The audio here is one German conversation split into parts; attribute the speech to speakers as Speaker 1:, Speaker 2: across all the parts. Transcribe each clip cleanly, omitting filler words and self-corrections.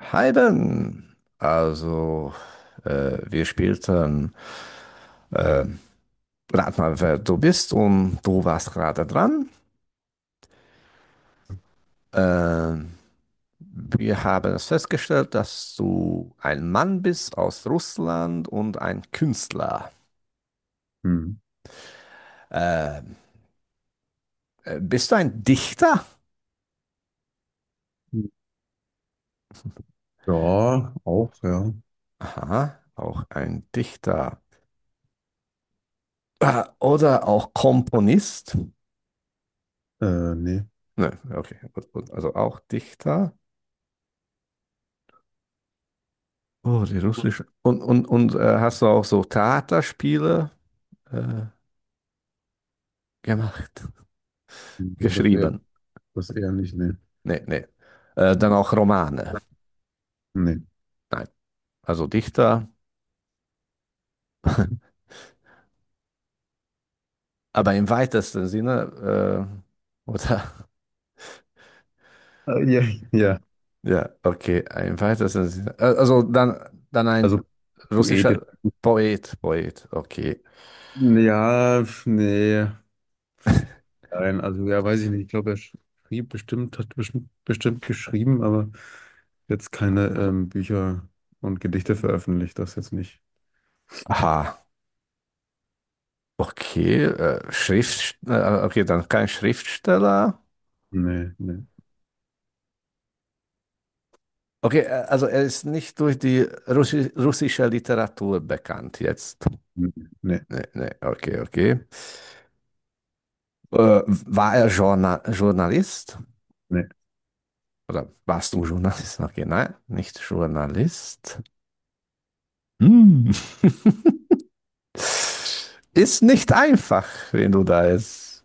Speaker 1: Hi Ben. Wir spielten äh, rat mal, wer du bist und du warst gerade dran. Äh, Wir haben es festgestellt, dass du ein Mann bist aus Russland und ein Künstler.
Speaker 2: Hm.
Speaker 1: Äh, bist du ein Dichter?
Speaker 2: Ja, auch, ja.
Speaker 1: Aha, auch ein Dichter. Oder auch Komponist?
Speaker 2: Nee.
Speaker 1: Ne, okay, gut, gut. Also auch Dichter. Oh, die russische. Und hast du auch so Theaterspiele äh, gemacht?
Speaker 2: Das eher,
Speaker 1: Geschrieben?
Speaker 2: das eher nicht, nee.
Speaker 1: Nee, nee. Dann auch Romane?
Speaker 2: Nee.
Speaker 1: Nein. Also Dichter, aber im weitesten Sinne, oder?
Speaker 2: Ja, ja.
Speaker 1: Ja, okay, im weitesten Sinne. Also dann, dann
Speaker 2: Also
Speaker 1: ein
Speaker 2: Poet jetzt.
Speaker 1: russischer Poet, okay.
Speaker 2: Ja, pf, nee. Nein, also ja, weiß ich nicht. Ich glaube, er schrieb bestimmt, hat bestimmt geschrieben, aber jetzt keine Bücher und Gedichte veröffentlicht, das jetzt nicht.
Speaker 1: Aha, okay. Okay, dann kein Schriftsteller.
Speaker 2: Nee, nee,
Speaker 1: Okay, also er ist nicht durch die russische Literatur bekannt jetzt.
Speaker 2: nee, nee.
Speaker 1: Nee, nee, okay, okay. War er Journalist?
Speaker 2: Nee.
Speaker 1: Oder warst du Journalist? Okay, nein, nicht Journalist. Hm. Ist nicht einfach, wenn du da jetzt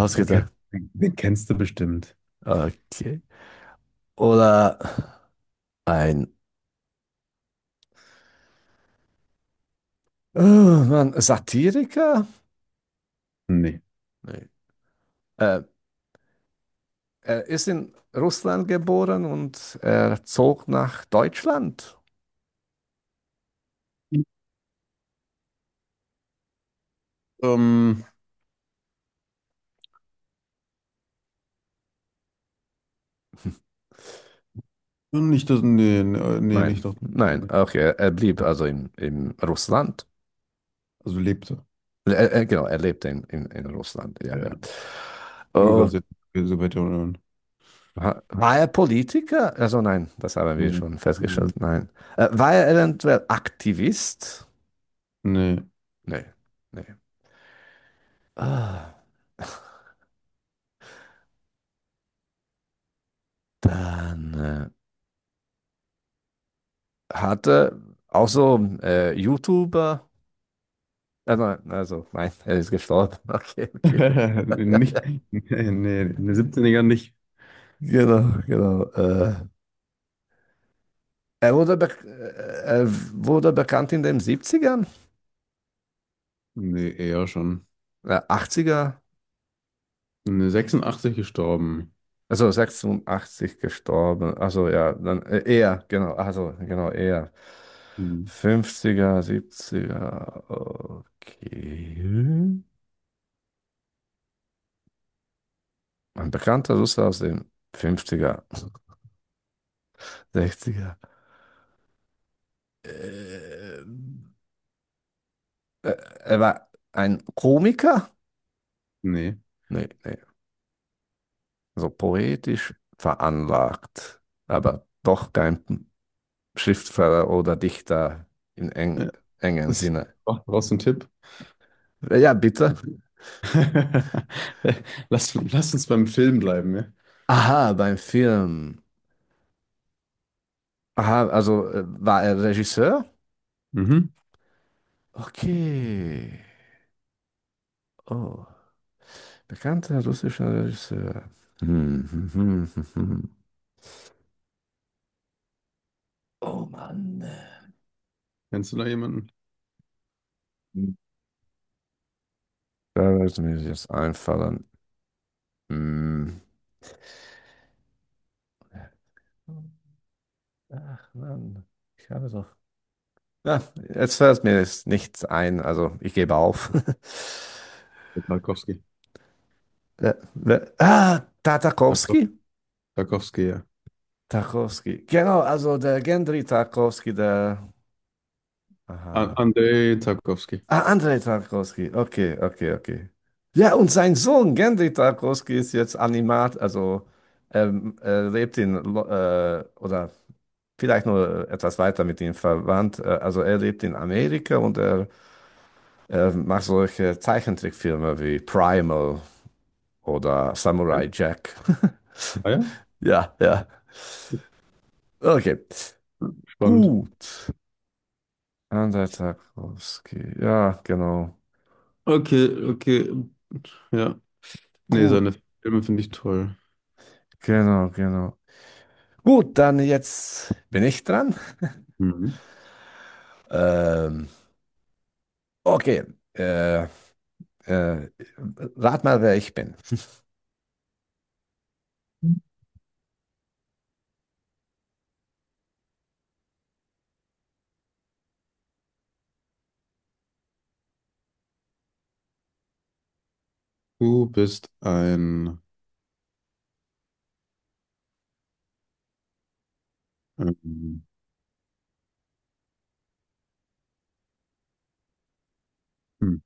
Speaker 2: Ach, den kennst du bestimmt.
Speaker 1: Okay. Oder ein, oh Mann, Satiriker?
Speaker 2: Nee.
Speaker 1: Nee. Äh, Er ist in Russland geboren und er zog nach Deutschland.
Speaker 2: Ähm, nicht das, nee, nee, nee,
Speaker 1: Nein,
Speaker 2: nicht das.
Speaker 1: nein,
Speaker 2: Nee.
Speaker 1: okay, er blieb also in Russland.
Speaker 2: Also lebte.
Speaker 1: Genau, er lebte in Russland, ja,
Speaker 2: Ja.
Speaker 1: ja.
Speaker 2: Sogar
Speaker 1: Oh,
Speaker 2: sehr, so weiter unten.
Speaker 1: war er Politiker? Also nein, das haben wir
Speaker 2: Nee.
Speaker 1: schon
Speaker 2: Nee.
Speaker 1: festgestellt, nein. War er eventuell Aktivist?
Speaker 2: Nee.
Speaker 1: Nee, nee. Ah, dann hat er auch so YouTuber. Nein, also nein, er ist gestorben. Okay, okay.
Speaker 2: Nicht, nee, nee, eine 17 nicht.
Speaker 1: Genau, genau. Er wurde bekannt in den Siebzigern,
Speaker 2: Nee, eher schon.
Speaker 1: ern 80
Speaker 2: Eine 86 gestorben.
Speaker 1: also 86 gestorben. Also ja, dann eher, genau, also genau, eher.
Speaker 2: Hm.
Speaker 1: Fünfziger, siebziger. Okay. Ein bekannter Russe aus den fünfziger, sechziger. er Äh, äh, Er war ein Komiker?
Speaker 2: Nee.
Speaker 1: Nee, nee. So poetisch veranlagt, aber doch kein Schriftsteller oder Dichter im eng,
Speaker 2: Ja.
Speaker 1: engen
Speaker 2: Das-
Speaker 1: Sinne.
Speaker 2: Brauchst du einen Tipp?
Speaker 1: Ja, bitte.
Speaker 2: Lass uns beim Film bleiben, ja?
Speaker 1: Aha, beim Film. Aha, also war er Regisseur?
Speaker 2: Mhm.
Speaker 1: Okay. Oh, bekannter russischer Regisseur. Hm, hm, hm, hm, hm. Oh Mann.
Speaker 2: Kennst du da jemanden?
Speaker 1: Da wird mir jetzt einfallen. Hm. Ach Mann, ich habe doch ja, jetzt fällt mir jetzt nichts ein, also ich gebe auf.
Speaker 2: Tarkowski. Tarko-
Speaker 1: Tartakowski?
Speaker 2: Tarkowski, ja.
Speaker 1: Tarkowski. Genau, also der Gendry Tarkovsky der. Aha.
Speaker 2: Andrei Tarkowski.
Speaker 1: Ah, Andrei Tarkowski. Okay, okay, okay. Ja, und sein Sohn Gendry Tarkovsky ist jetzt Animat, also er lebt in, oder vielleicht nur etwas weiter mit ihm verwandt. Also er lebt in Amerika und er macht solche Zeichentrickfilme wie Primal oder
Speaker 2: Ja?
Speaker 1: Samurai Jack.
Speaker 2: Ah ja?
Speaker 1: Ja, ja. Okay.
Speaker 2: Spannend.
Speaker 1: Gut. Andertag Tarkowski. Ja, genau.
Speaker 2: Okay, okay. Ja. Nee,
Speaker 1: Gut,
Speaker 2: seine Filme finde ich toll.
Speaker 1: genau, genau. Gut, dann jetzt bin ich dran.
Speaker 2: Mhm.
Speaker 1: Ähm, okay. Äh, äh, rat mal, wer ich bin.
Speaker 2: Du bist ein, ähm, hm,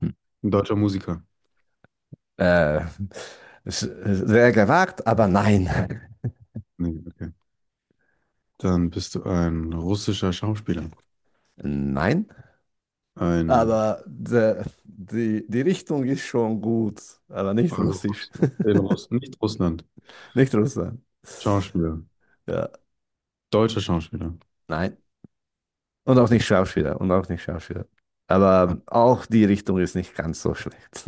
Speaker 1: Hm.
Speaker 2: Ein deutscher Musiker.
Speaker 1: Äh, sehr gewagt, aber nein.
Speaker 2: Nee, okay. Dann bist du ein russischer Schauspieler.
Speaker 1: Nein.
Speaker 2: Ein,
Speaker 1: Aber die Richtung ist schon gut, aber nicht
Speaker 2: also
Speaker 1: russisch.
Speaker 2: in Russ nicht Russland.
Speaker 1: Nicht Russland.
Speaker 2: Schauspieler.
Speaker 1: Ja.
Speaker 2: Deutscher Schauspieler.
Speaker 1: Nein. Und auch nicht Schauspieler. Und auch nicht Schauspieler.
Speaker 2: Ah,
Speaker 1: Aber auch die Richtung ist nicht ganz so schlecht.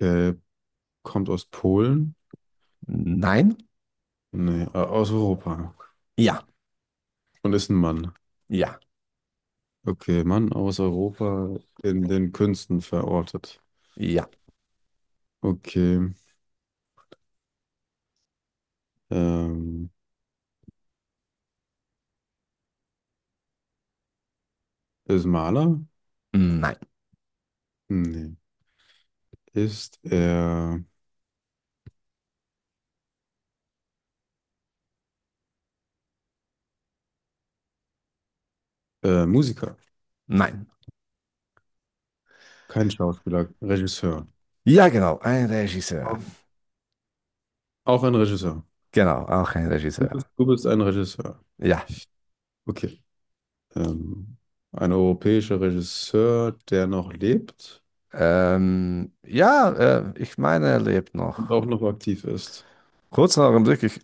Speaker 2: okay. Kommt aus Polen?
Speaker 1: Nein.
Speaker 2: Nee, aus Europa.
Speaker 1: Ja.
Speaker 2: Und ist ein Mann.
Speaker 1: Ja.
Speaker 2: Okay, Mann aus Europa in den Künsten verortet.
Speaker 1: Ja.
Speaker 2: Okay. Ähm, Ist Maler?
Speaker 1: Nein.
Speaker 2: Nee. Ist er Musiker?
Speaker 1: Nein.
Speaker 2: Kein Schauspieler, Regisseur.
Speaker 1: Ja, genau. Ein Regisseur.
Speaker 2: Auch auch ein Regisseur.
Speaker 1: Genau. Auch ein Regisseur.
Speaker 2: Du bist ein Regisseur.
Speaker 1: Ja.
Speaker 2: Okay. Ähm, ein europäischer Regisseur, der noch lebt
Speaker 1: Ja, ich meine, er lebt
Speaker 2: und
Speaker 1: noch.
Speaker 2: auch noch aktiv ist.
Speaker 1: Kurz noch im Blick, ich,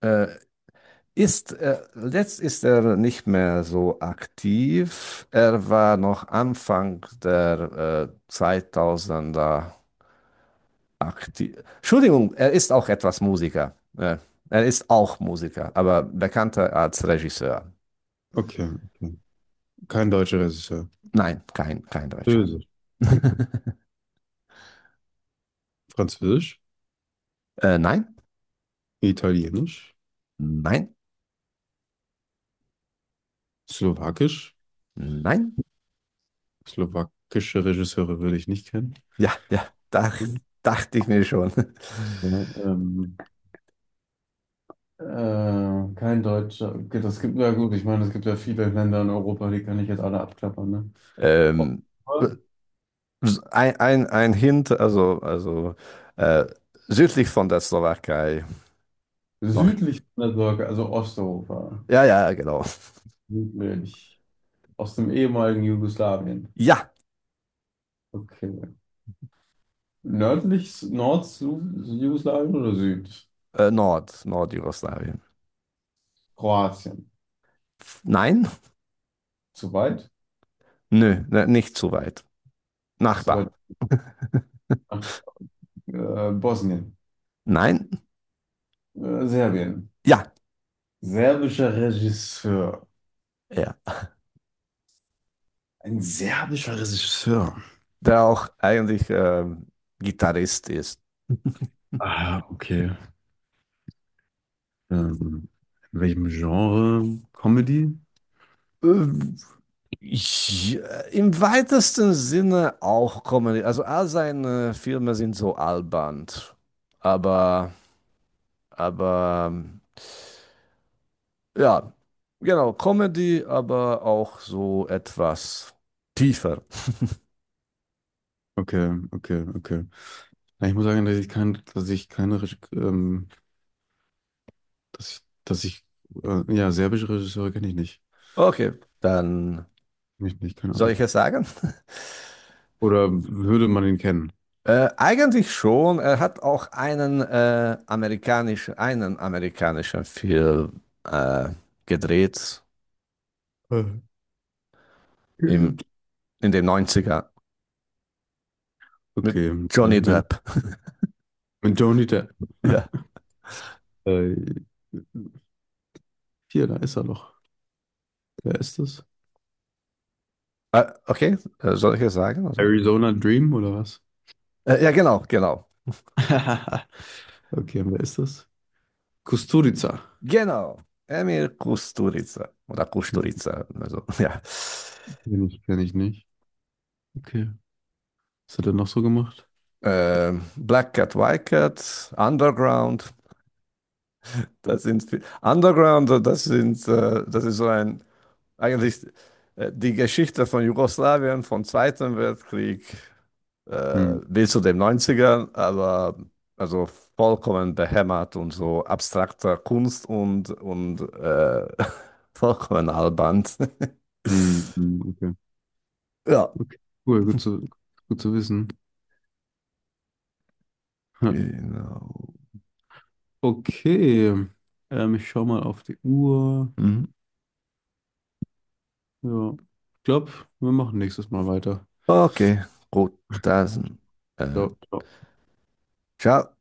Speaker 1: äh, letzt ist er nicht mehr so aktiv. Er war noch Anfang der 2000er Akti Entschuldigung, er ist auch etwas Musiker. Er ist auch Musiker, aber bekannter als Regisseur.
Speaker 2: Okay, okay. Kein deutscher Regisseur.
Speaker 1: Nein, kein Deutscher.
Speaker 2: Böse. Französisch,
Speaker 1: Nein,
Speaker 2: Italienisch,
Speaker 1: nein,
Speaker 2: Slowakisch.
Speaker 1: nein.
Speaker 2: Slowakische Regisseure würde ich nicht kennen.
Speaker 1: Ja, ja,
Speaker 2: Ja,
Speaker 1: dachte ich mir schon.
Speaker 2: ähm, äh, kein Deutscher. Okay, das gibt ja gut. Ich meine, es gibt ja viele Länder in Europa, die kann ich jetzt alle abklappern, ne?
Speaker 1: Ähm,
Speaker 2: Oh,
Speaker 1: ein Hint, also äh, südlich von der Slowakei noch.
Speaker 2: südlich von der Sorge, also Osteuropa.
Speaker 1: Ja, ja, genau.
Speaker 2: Südlich. Aus dem ehemaligen Jugoslawien.
Speaker 1: Ja,
Speaker 2: Okay. Nördlich, Nord-Jugoslawien oder Süd?
Speaker 1: Nordjugoslawien.
Speaker 2: Kroatien.
Speaker 1: Nein,
Speaker 2: Zu weit?
Speaker 1: nö, ne, nicht zu weit.
Speaker 2: Zu
Speaker 1: Nachbar.
Speaker 2: weit. Ach, Bosnien.
Speaker 1: Nein?
Speaker 2: Serbien.
Speaker 1: Ja,
Speaker 2: Serbischer Regisseur.
Speaker 1: er.
Speaker 2: Ein serbischer Regisseur.
Speaker 1: Der auch eigentlich Gitarrist ist.
Speaker 2: Ah, okay. Ähm, in welchem Genre? Comedy?
Speaker 1: Ähm, Ich, im weitesten Sinne auch Comedy. Also all seine Filme sind so albern. Aber, aber, ähm, ja, genau, Comedy, aber auch so etwas tiefer.
Speaker 2: Okay, okay, okay. Na, ich muss sagen, dass ich keine Reg- Dass, dass ich, ja, serbische Regisseure kenne ich nicht.
Speaker 1: Okay, dann
Speaker 2: Kenn ich nicht, keine
Speaker 1: soll
Speaker 2: Ahnung.
Speaker 1: ich es sagen?
Speaker 2: Oder würde man ihn kennen?
Speaker 1: Eigentlich schon. Er hat auch einen amerikanischen Film gedreht
Speaker 2: Äh, geübt.
Speaker 1: im, in den Neunziger mit
Speaker 2: Okay,
Speaker 1: Johnny
Speaker 2: nee.
Speaker 1: Depp.
Speaker 2: Mit Johnny Depp.
Speaker 1: Ja.
Speaker 2: Äh, hier, da ist er doch. Wer ist das?
Speaker 1: Okay, soll ich es sagen? Oder?
Speaker 2: Arizona Dream oder was?
Speaker 1: Ja, genau, genau.
Speaker 2: Okay, wer ist das? Kusturica.
Speaker 1: Genau. Emir Kusturica. Oder
Speaker 2: Kenn
Speaker 1: Kusturica. Also, ja.
Speaker 2: kenn ich nicht. Okay. Was hat er noch so gemacht?
Speaker 1: Black Cat, White Cat, Underground. Underground, das ist so ein eigentlich die Geschichte von Jugoslawien vom Zweiten Weltkrieg
Speaker 2: Hm.
Speaker 1: bis zu den Neunzigern, aber also vollkommen behämmert und so abstrakter Kunst und vollkommen albern.
Speaker 2: Hm, hm, okay.
Speaker 1: Ja,
Speaker 2: Okay. Cool, gut zu, gut zu wissen.
Speaker 1: genau.
Speaker 2: Okay. Ich schau mal auf die Uhr.
Speaker 1: Mhm.
Speaker 2: Ja. Ich glaube, wir machen nächstes Mal weiter.
Speaker 1: Okay, gut, dann äh,
Speaker 2: Ciao. Ciao.
Speaker 1: ciao.